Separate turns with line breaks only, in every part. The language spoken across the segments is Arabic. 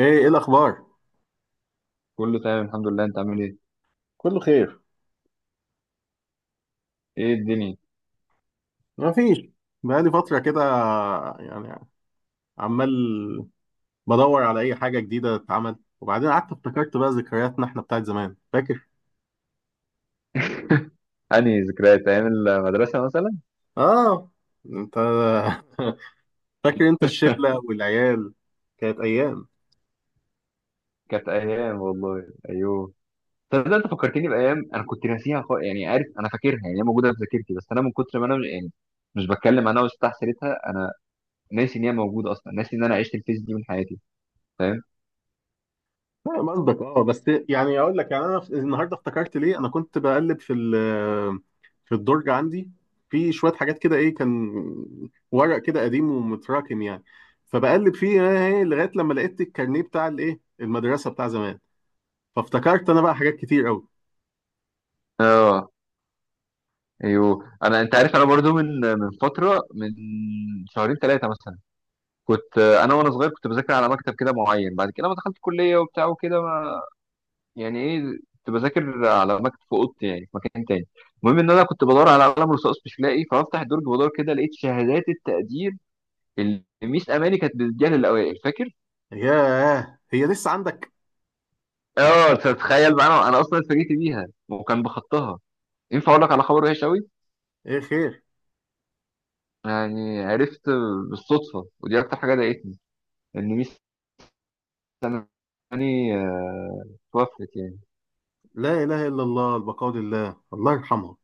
ايه ايه الاخبار؟
كله تمام، الحمد لله. انت عامل ايه؟
كله خير.
ايه الدنيا؟
ما فيش، بقالي فتره كده يعني، عمال بدور على اي حاجه جديده تتعمل. وبعدين قعدت افتكرت بقى ذكرياتنا احنا بتاعت زمان، فاكر؟
أنهي ذكريات؟ أيام المدرسة مثلا؟
اه انت. فاكر انت الشله والعيال؟ كانت ايام.
كانت ايام، والله. ايوه، تصدق انت فكرتني بايام انا كنت ناسيها خالص. يعني عارف، انا فاكرها، يعني هي موجوده في ذاكرتي، بس انا من كتر ما انا مش بتكلم عنها واستح سيرتها. انا ناسي ان هي موجوده اصلا، ناسي ان انا عشت الفيز دي من حياتي، فاهم؟
فاهم قصدك. اه، بس يعني اقول لك، يعني انا النهارده افتكرت ليه. انا كنت بقلب في في الدرج عندي، في شويه حاجات كده، ايه كان ورق كده قديم ومتراكم يعني. فبقلب فيه، لغايه لما لقيت الكارنيه بتاع المدرسه بتاع زمان. فافتكرت انا بقى حاجات كتير قوي.
آه أيوه، أنا أنت عارف أنا برضو من فترة، من شهرين ثلاثة مثلا. كنت أنا وأنا صغير كنت بذاكر على مكتب كده معين. بعد كده، لما دخلت كلية وبتاع وكده، يعني ايه، كنت بذاكر على مكتب في اوضتي، يعني في مكان تاني. المهم ان انا كنت بدور على قلم رصاص مش لاقي، فبفتح الدرج بدور كده، لقيت شهادات التقدير اللي ميس اماني كانت بتديها للاوائل. فاكر؟
ياه، هي لسه عندك؟
اه، تتخيل؟ معانا انا اصلا اتفاجئت بيها، وكان بخطها. ينفع اقول لك على خبر وحش قوي؟
ايه، خير؟
يعني عرفت بالصدفه، ودي اكتر حاجه ضايقتني، ان ميس اماني توفت يعني.
لا اله الا الله، البقاء لله، الله يرحمها.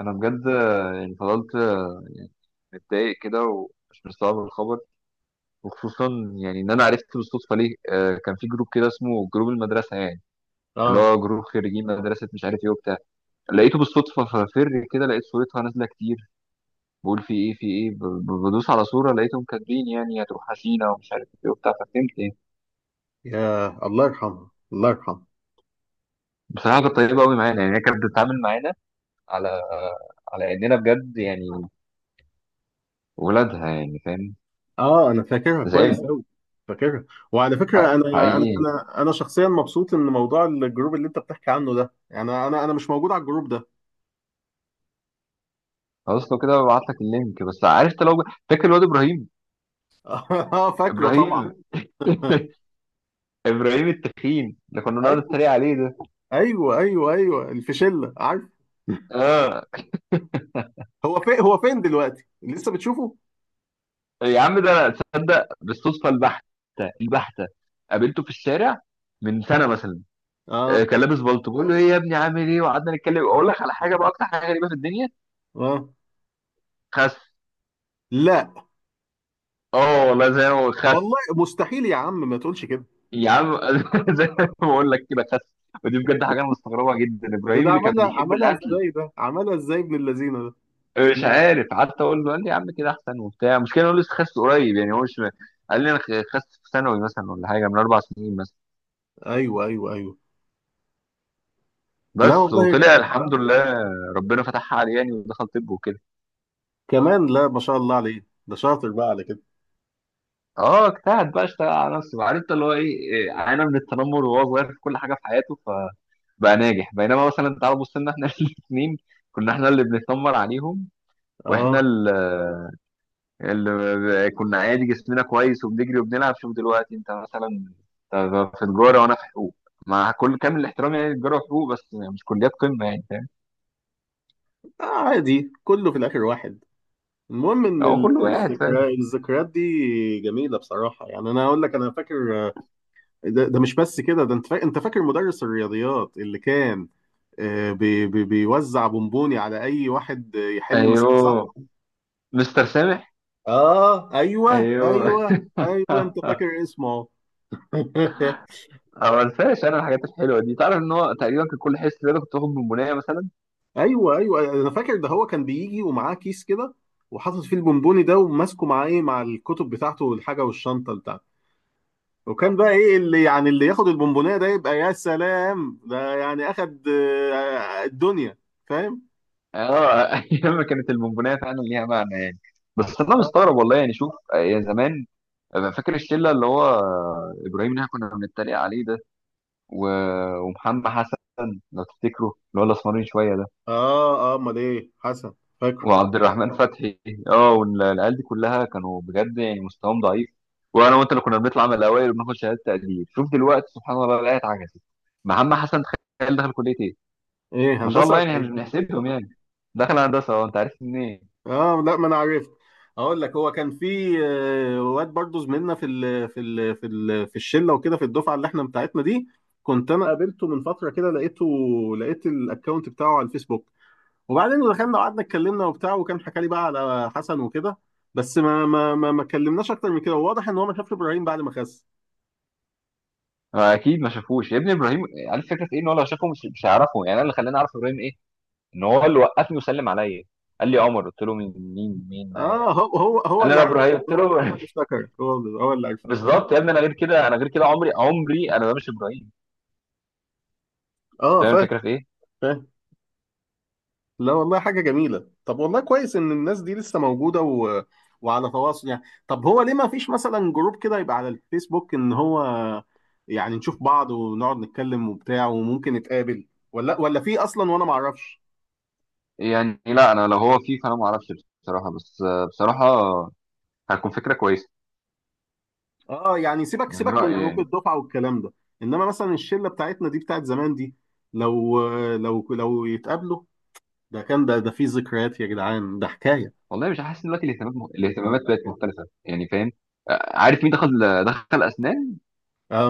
انا بجد يعني فضلت يعني متضايق كده ومش مستوعب الخبر. وخصوصا يعني ان انا عرفت بالصدفه ليه. كان في جروب كده اسمه جروب المدرسه يعني، اللي
اه،
هو جروب خريجين مدرسه، مش عارف ايه وبتاع. لقيته بالصدفه، ففر كده لقيت صورتها نازله كتير، بقول في ايه، في ايه، بدوس على صوره، لقيتهم كاتبين يعني هتروح حسينا ومش عارف ايه وبتاع، ففهمت يعني.
يا الله يرحمها، الله يرحمها.
بصراحه كانت طيبه قوي معانا، يعني هي كانت بتتعامل معانا على اننا بجد يعني ولادها، يعني فاهم.
اه، انا فاكرها كويس
زعلت
قوي، فاكرها. وعلى فكره،
حقيقي.
انا شخصيا مبسوط ان موضوع الجروب اللي انت بتحكي عنه ده، يعني انا مش موجود على الجروب ده.
خلاص لو كده، ببعت لك اللينك بس عرفت. لو فاكر الواد ابراهيم،
اه، فاكره طبعا.
ابراهيم، ابراهيم التخين اللي كنا بنقعد
ايوه
نتريق عليه ده.
ايوه ايوه ايوه، الفشله، عارف.
اه
هو فين؟ دلوقتي لسه بتشوفه؟
يا عم، ده انا تصدق بالصدفه البحته، البحته قابلته في الشارع من سنه مثلا.
اه
كان لابس بلطو، بقول له ايه يا ابني عامل ايه، وقعدنا نتكلم. اقول لك على حاجه بقى، اكتر حاجه غريبه في الدنيا:
اه.
خس.
لا
اه والله زي ما هو، خس.
والله، مستحيل يا عم، ما تقولش كده.
يا عم زي ما بقول لك كده، خس. ودي بجد حاجه انا مستغربها جدا، ابراهيم
وده
اللي كان
عملها،
بيحب
عملها
الاكل.
ازاي ده عملها ازاي؟ ابن اللذينه ده!
مش عارف، قعدت اقول له، قال لي يا عم كده احسن وبتاع. مشكله إن هو لسه خس قريب، يعني هو مش، قال لي انا خست في ثانوي مثلا ولا حاجه، من 4 سنين مثلا
ايوه ايوه ايوه. لا
بس.
والله يا
وطلع
جدع.
الحمد لله، ربنا فتحها عليه يعني، ودخل طب وكده.
كمان؟ لا، ما شاء الله عليه، ده شاطر بقى على كده.
اه، اجتهد بقى، اشتغل على نفسه، عارف انت اللي هو ايه. عانى من التنمر وهو صغير في كل حاجه في حياته، فبقى ناجح. بينما مثلا تعال بص لنا احنا الاثنين كنا احنا اللي بنتنمر عليهم.
اه،
واحنا اللي كنا عادي جسمنا كويس وبنجري وبنلعب. شوف دلوقتي انت مثلا، أنت في تجاره وانا في حقوق، مع كل كامل الاحترام يعني. تجاره وحقوق بس مش كليات قمه، يعني فاهم.
آه عادي، كله في الآخر واحد. المهم إن
هو كله قاعد، فاهم.
الذكريات دي جميلة بصراحة، يعني أنا أقول لك أنا فاكر، ده مش بس كده، ده أنت فاكر مدرس الرياضيات اللي كان بي بي بيوزع بونبوني على أي واحد، يحل مسألة، صح؟
ايوه، مستر سامح.
آه أيوه
ايوه
أيوه. أيوه، أنت فاكر اسمه؟
أنا ما انساش انا الحاجات الحلوه دي، تعرف ان هو تقريبا كان كل حصه رياضه كنت باخد بونبونيه مثلا.
أيوه أيوه، أنا فاكر. ده هو كان بيجي ومعاه كيس كده، وحاطط فيه البونبوني ده، وماسكه معاه مع الكتب بتاعته والحاجة والشنطة بتاعته. وكان بقى ايه، اللي يعني اللي ياخد البونبونية ده يبقى يا سلام، ده يعني اخد الدنيا، فاهم.
اه ايام ما كانت البونبونيه فعلا ليها معنى يعني. بس انا مستغرب، والله، يعني شوف يا زمان. فاكر الشله؟ اللي هو ابراهيم اللي إحنا كنا بنتريق عليه ده، و... ومحمد حسن، لو تفتكروا اللي هو الاسمرين شويه ده،
اه اه، امال ايه حسن، فاكره.
وعبد الرحمن فتحي. اه، والعيال دي كلها كانوا بجد يعني مستواهم ضعيف. وانا وانت اللي كنا بنطلع من الاوائل وبناخد شهاده تقدير. شوف دلوقتي سبحان الله، الايه اتعكست. محمد حسن تخيل دخل كليه ايه؟
ايه،
ما شاء
هندسة
الله
ولا
يعني، احنا مش
ايه؟
بنحسبهم يعني. دخل هندسه. اه، انت عارف منين.
اه، لا، ما انا عرفت. اقول لك، هو كان في واد برضه زميلنا في الشله وكده، في الدفعه اللي احنا بتاعتنا دي. كنت انا قابلته من فتره كده، لقيت الاكونت بتاعه على الفيسبوك. وبعدين دخلنا وقعدنا اتكلمنا وبتاع، وكان حكى لي بقى على حسن وكده. بس ما اتكلمناش اكتر من كده، وواضح ان هو ما شافش ابراهيم بعد ما خس.
اكيد ما شافوش يا ابني ابراهيم. عارف الفكره في ايه، ان هو لو شافه مش هيعرفه. يعني انا اللي خلاني اعرف ابراهيم ايه، ان هو اللي وقفني وسلم عليا. قال لي يا عمر، قلت له مين، مين مين معايا؟
اه، هو
قال لي
اللي
انا
عارف.
ابراهيم. قلت
هو
له
هو اللي افتكر هو اللي هو اللي عارف.
بالظبط يا ابني، انا غير كده، انا غير كده، عمري عمري انا ما، مش ابراهيم.
اه،
فاهم
فاهم،
الفكره في ايه؟
فاهم. لا والله، حاجه جميله. طب والله كويس ان الناس دي لسه موجوده وعلى تواصل يعني. طب هو ليه ما فيش مثلا جروب كده يبقى على الفيسبوك ان هو، يعني نشوف بعض ونقعد نتكلم وبتاع، وممكن نتقابل، ولا في اصلا وانا ما اعرفش؟
يعني لا، انا لو هو فيه فانا ما اعرفش بصراحه. بس بصراحه هتكون فكره كويسه،
اه، يعني سيبك
من
سيبك من
رايي
جروب
يعني.
الدفعه والكلام ده، انما مثلا الشله بتاعتنا دي بتاعت زمان دي، لو يتقابلوا، ده كان، ده في ذكريات يا جدعان، ده حكايه.
والله مش حاسس إن دلوقتي الاهتمامات الاهتمامات بقت مختلفه، يعني فاهم. عارف مين دخل، دخل اسنان؟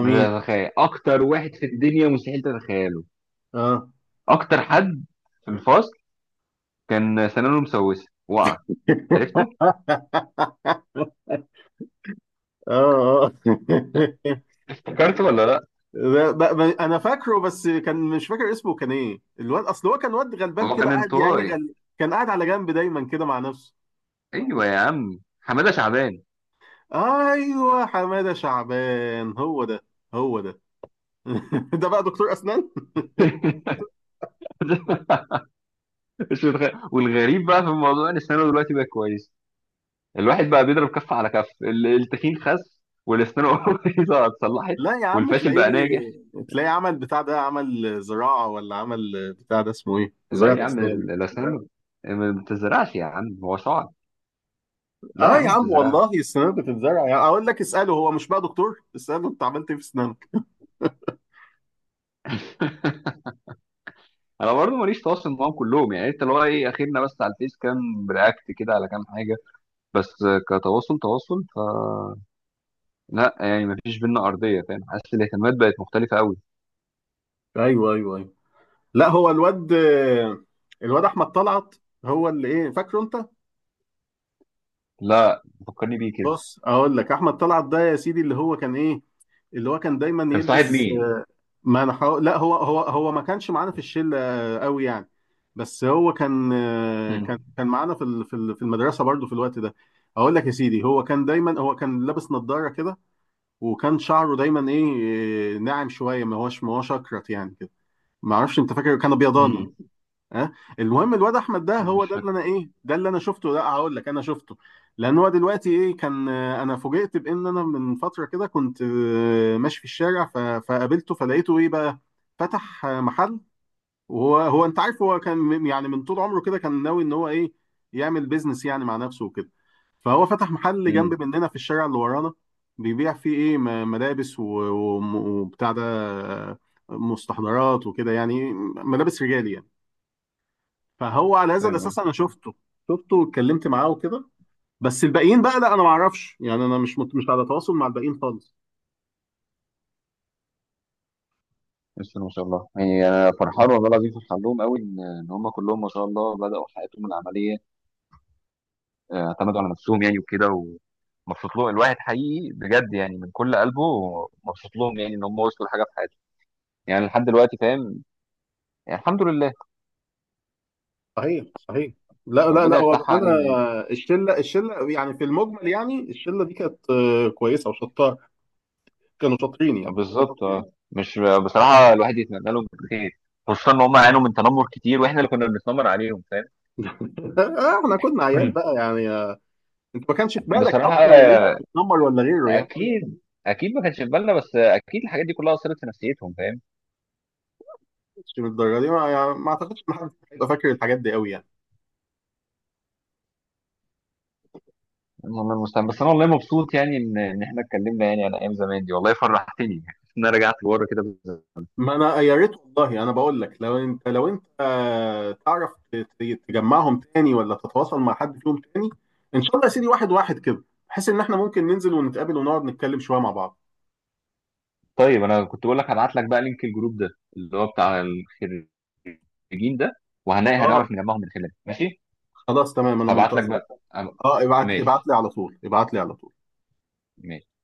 مش هتتخيل، اكتر واحد في الدنيا مستحيل تتخيله.
اه،
اكتر حد في الفصل كان سنانه مسوسه وقع. عرفته؟
اه اه.
افتكرت ولا لا؟
انا فاكره، بس كان مش فاكر اسمه. كان ايه الواد، اصل هو كان واد غلبان
هو
كده
كان
قاعد يعني،
انطوائي.
كان قاعد على جنب دايما كده مع نفسه.
ايوه يا عم، حماده شعبان.
ايوه، حماده شعبان، هو ده هو ده. ده بقى دكتور اسنان.
مش متخيل. والغريب بقى في الموضوع ان سنانه دلوقتي بقى كويس. الواحد بقى بيضرب كف على كف. التخين خس، والاسنان بايظه اتصلحت،
لا يا عم،
والفاشل
تلاقيه،
بقى ناجح.
عمل بتاع ده، عمل زراعة، ولا عمل بتاع ده اسمه ايه؟
لا يا
زراعة
عم،
اسنان.
الاسنان ما بتزرعش، يا عم هو شعر. لا يا
اه
عم،
يا
ما
عم، والله
بتزرعش.
السنان بتتزرع، يعني اقول لك اساله، هو مش بقى دكتور؟ اساله انت عملت ايه في اسنانك؟
انا برضو ماليش تواصل معاهم كلهم، يعني انت اللي هو ايه، اخرنا بس على الفيس كام رياكت كده على كام حاجه. بس كتواصل تواصل، فلا، يعني ما فيش بينا ارضيه. فاهم؟ حاسس الاهتمامات بقت مختلفه قوي.
ايوه ايوه ايوه. لا، هو الواد احمد طلعت، هو اللي ايه، فاكره انت؟
لا، فكرني بيه كده.
بص اقول لك، احمد طلعت ده يا سيدي، اللي هو كان ايه؟ اللي هو كان دايما
كان صاحب
يلبس.
مين؟
ما انا حاول، لا، هو ما كانش معانا في الشله قوي يعني. بس هو
امم
كان معانا في المدرسه برضو في الوقت ده. اقول لك يا سيدي، هو كان دايما، هو كان لابس نظاره كده. وكان شعره دايما ايه، ناعم شويه، ما هوش اكرت يعني كده. ما اعرفش، انت فاكر؟ كان ابيضاني.
امم
ها، المهم الواد احمد ده، هو
مش
ده اللي
فاكر.
انا ايه، ده اللي انا شفته. لا، هقول لك، انا شفته، لان هو دلوقتي ايه، كان، انا فوجئت بان انا من فتره كده كنت ماشي في الشارع، فقابلته، فلقيته ايه بقى، فتح محل. وهو انت عارف، هو كان يعني من طول عمره كده كان ناوي ان هو ايه، يعمل بيزنس يعني مع نفسه وكده. فهو فتح محل جنب
امم
مننا في الشارع اللي ورانا، بيبيع فيه ايه، ملابس وبتاع ده، مستحضرات وكده، يعني ملابس رجالي يعني. فهو على هذا
فاهم
الاساس انا
قصدي.
شفته، واتكلمت معاه وكده. بس الباقيين بقى لا، انا ما اعرفش يعني، انا مش على تواصل مع الباقيين خالص.
بس ما شاء الله يعني، انا فرحان والله العظيم، فرحان لهم قوي، ان هم كلهم ما شاء الله بداوا حياتهم العمليه، اعتمدوا على نفسهم يعني وكده. ومبسوط لهم الواحد حقيقي بجد، يعني من كل قلبه مبسوط لهم، يعني ان هم وصلوا لحاجه في حياتهم، يعني لحد دلوقتي، فاهم. يعني الحمد لله،
صحيح صحيح. لا لا لا،
ربنا
هو
يفتحها
انا،
علينا يعني.
الشله يعني في المجمل، يعني الشله دي كانت كويسه وشطار، كانوا شاطرين يعني.
بالظبط مش، بصراحه الواحد يتمنى لهم خير، خصوصا ان هم عانوا من تنمر كتير واحنا اللي كنا بنتنمر عليهم، فاهم.
احنا كنا عيال
مم.
بقى يعني، انت ما كانش في بالك
بصراحه
اصلا ان انت بتتنمر ولا غيره يعني.
اكيد، اكيد ما كانش في بالنا، بس اكيد الحاجات دي كلها اثرت في نفسيتهم، فاهم.
مش من الدرجه دي، ما, يعني ما اعتقدش ان حد هيبقى فاكر الحاجات دي قوي يعني.
والله المستعان. بس انا والله مبسوط يعني، ان احنا اتكلمنا يعني على ايام زمان دي، والله فرحتني يعني ان انا رجعت لورا كده بالزمن.
ما انا يا ريت والله، انا بقول لك، لو انت تعرف تجمعهم تاني، ولا تتواصل مع حد فيهم تاني. ان شاء الله يا سيدي، واحد واحد كده، بحيث ان احنا ممكن ننزل ونتقابل ونقعد نتكلم شويه مع بعض.
طيب، انا كنت بقول لك هبعت لك بقى لينك الجروب ده، اللي هو بتاع الخريجين ده. وهنلاقي،
اه
هنعرف نجمعهم من خلاله، ماشي.
خلاص، تمام، انا
هبعت لك
منتظرك.
بقى. أنا-
اه، ابعت، ابعت
ماشي،
لي على طول، ابعت لي على طول.
ماشي.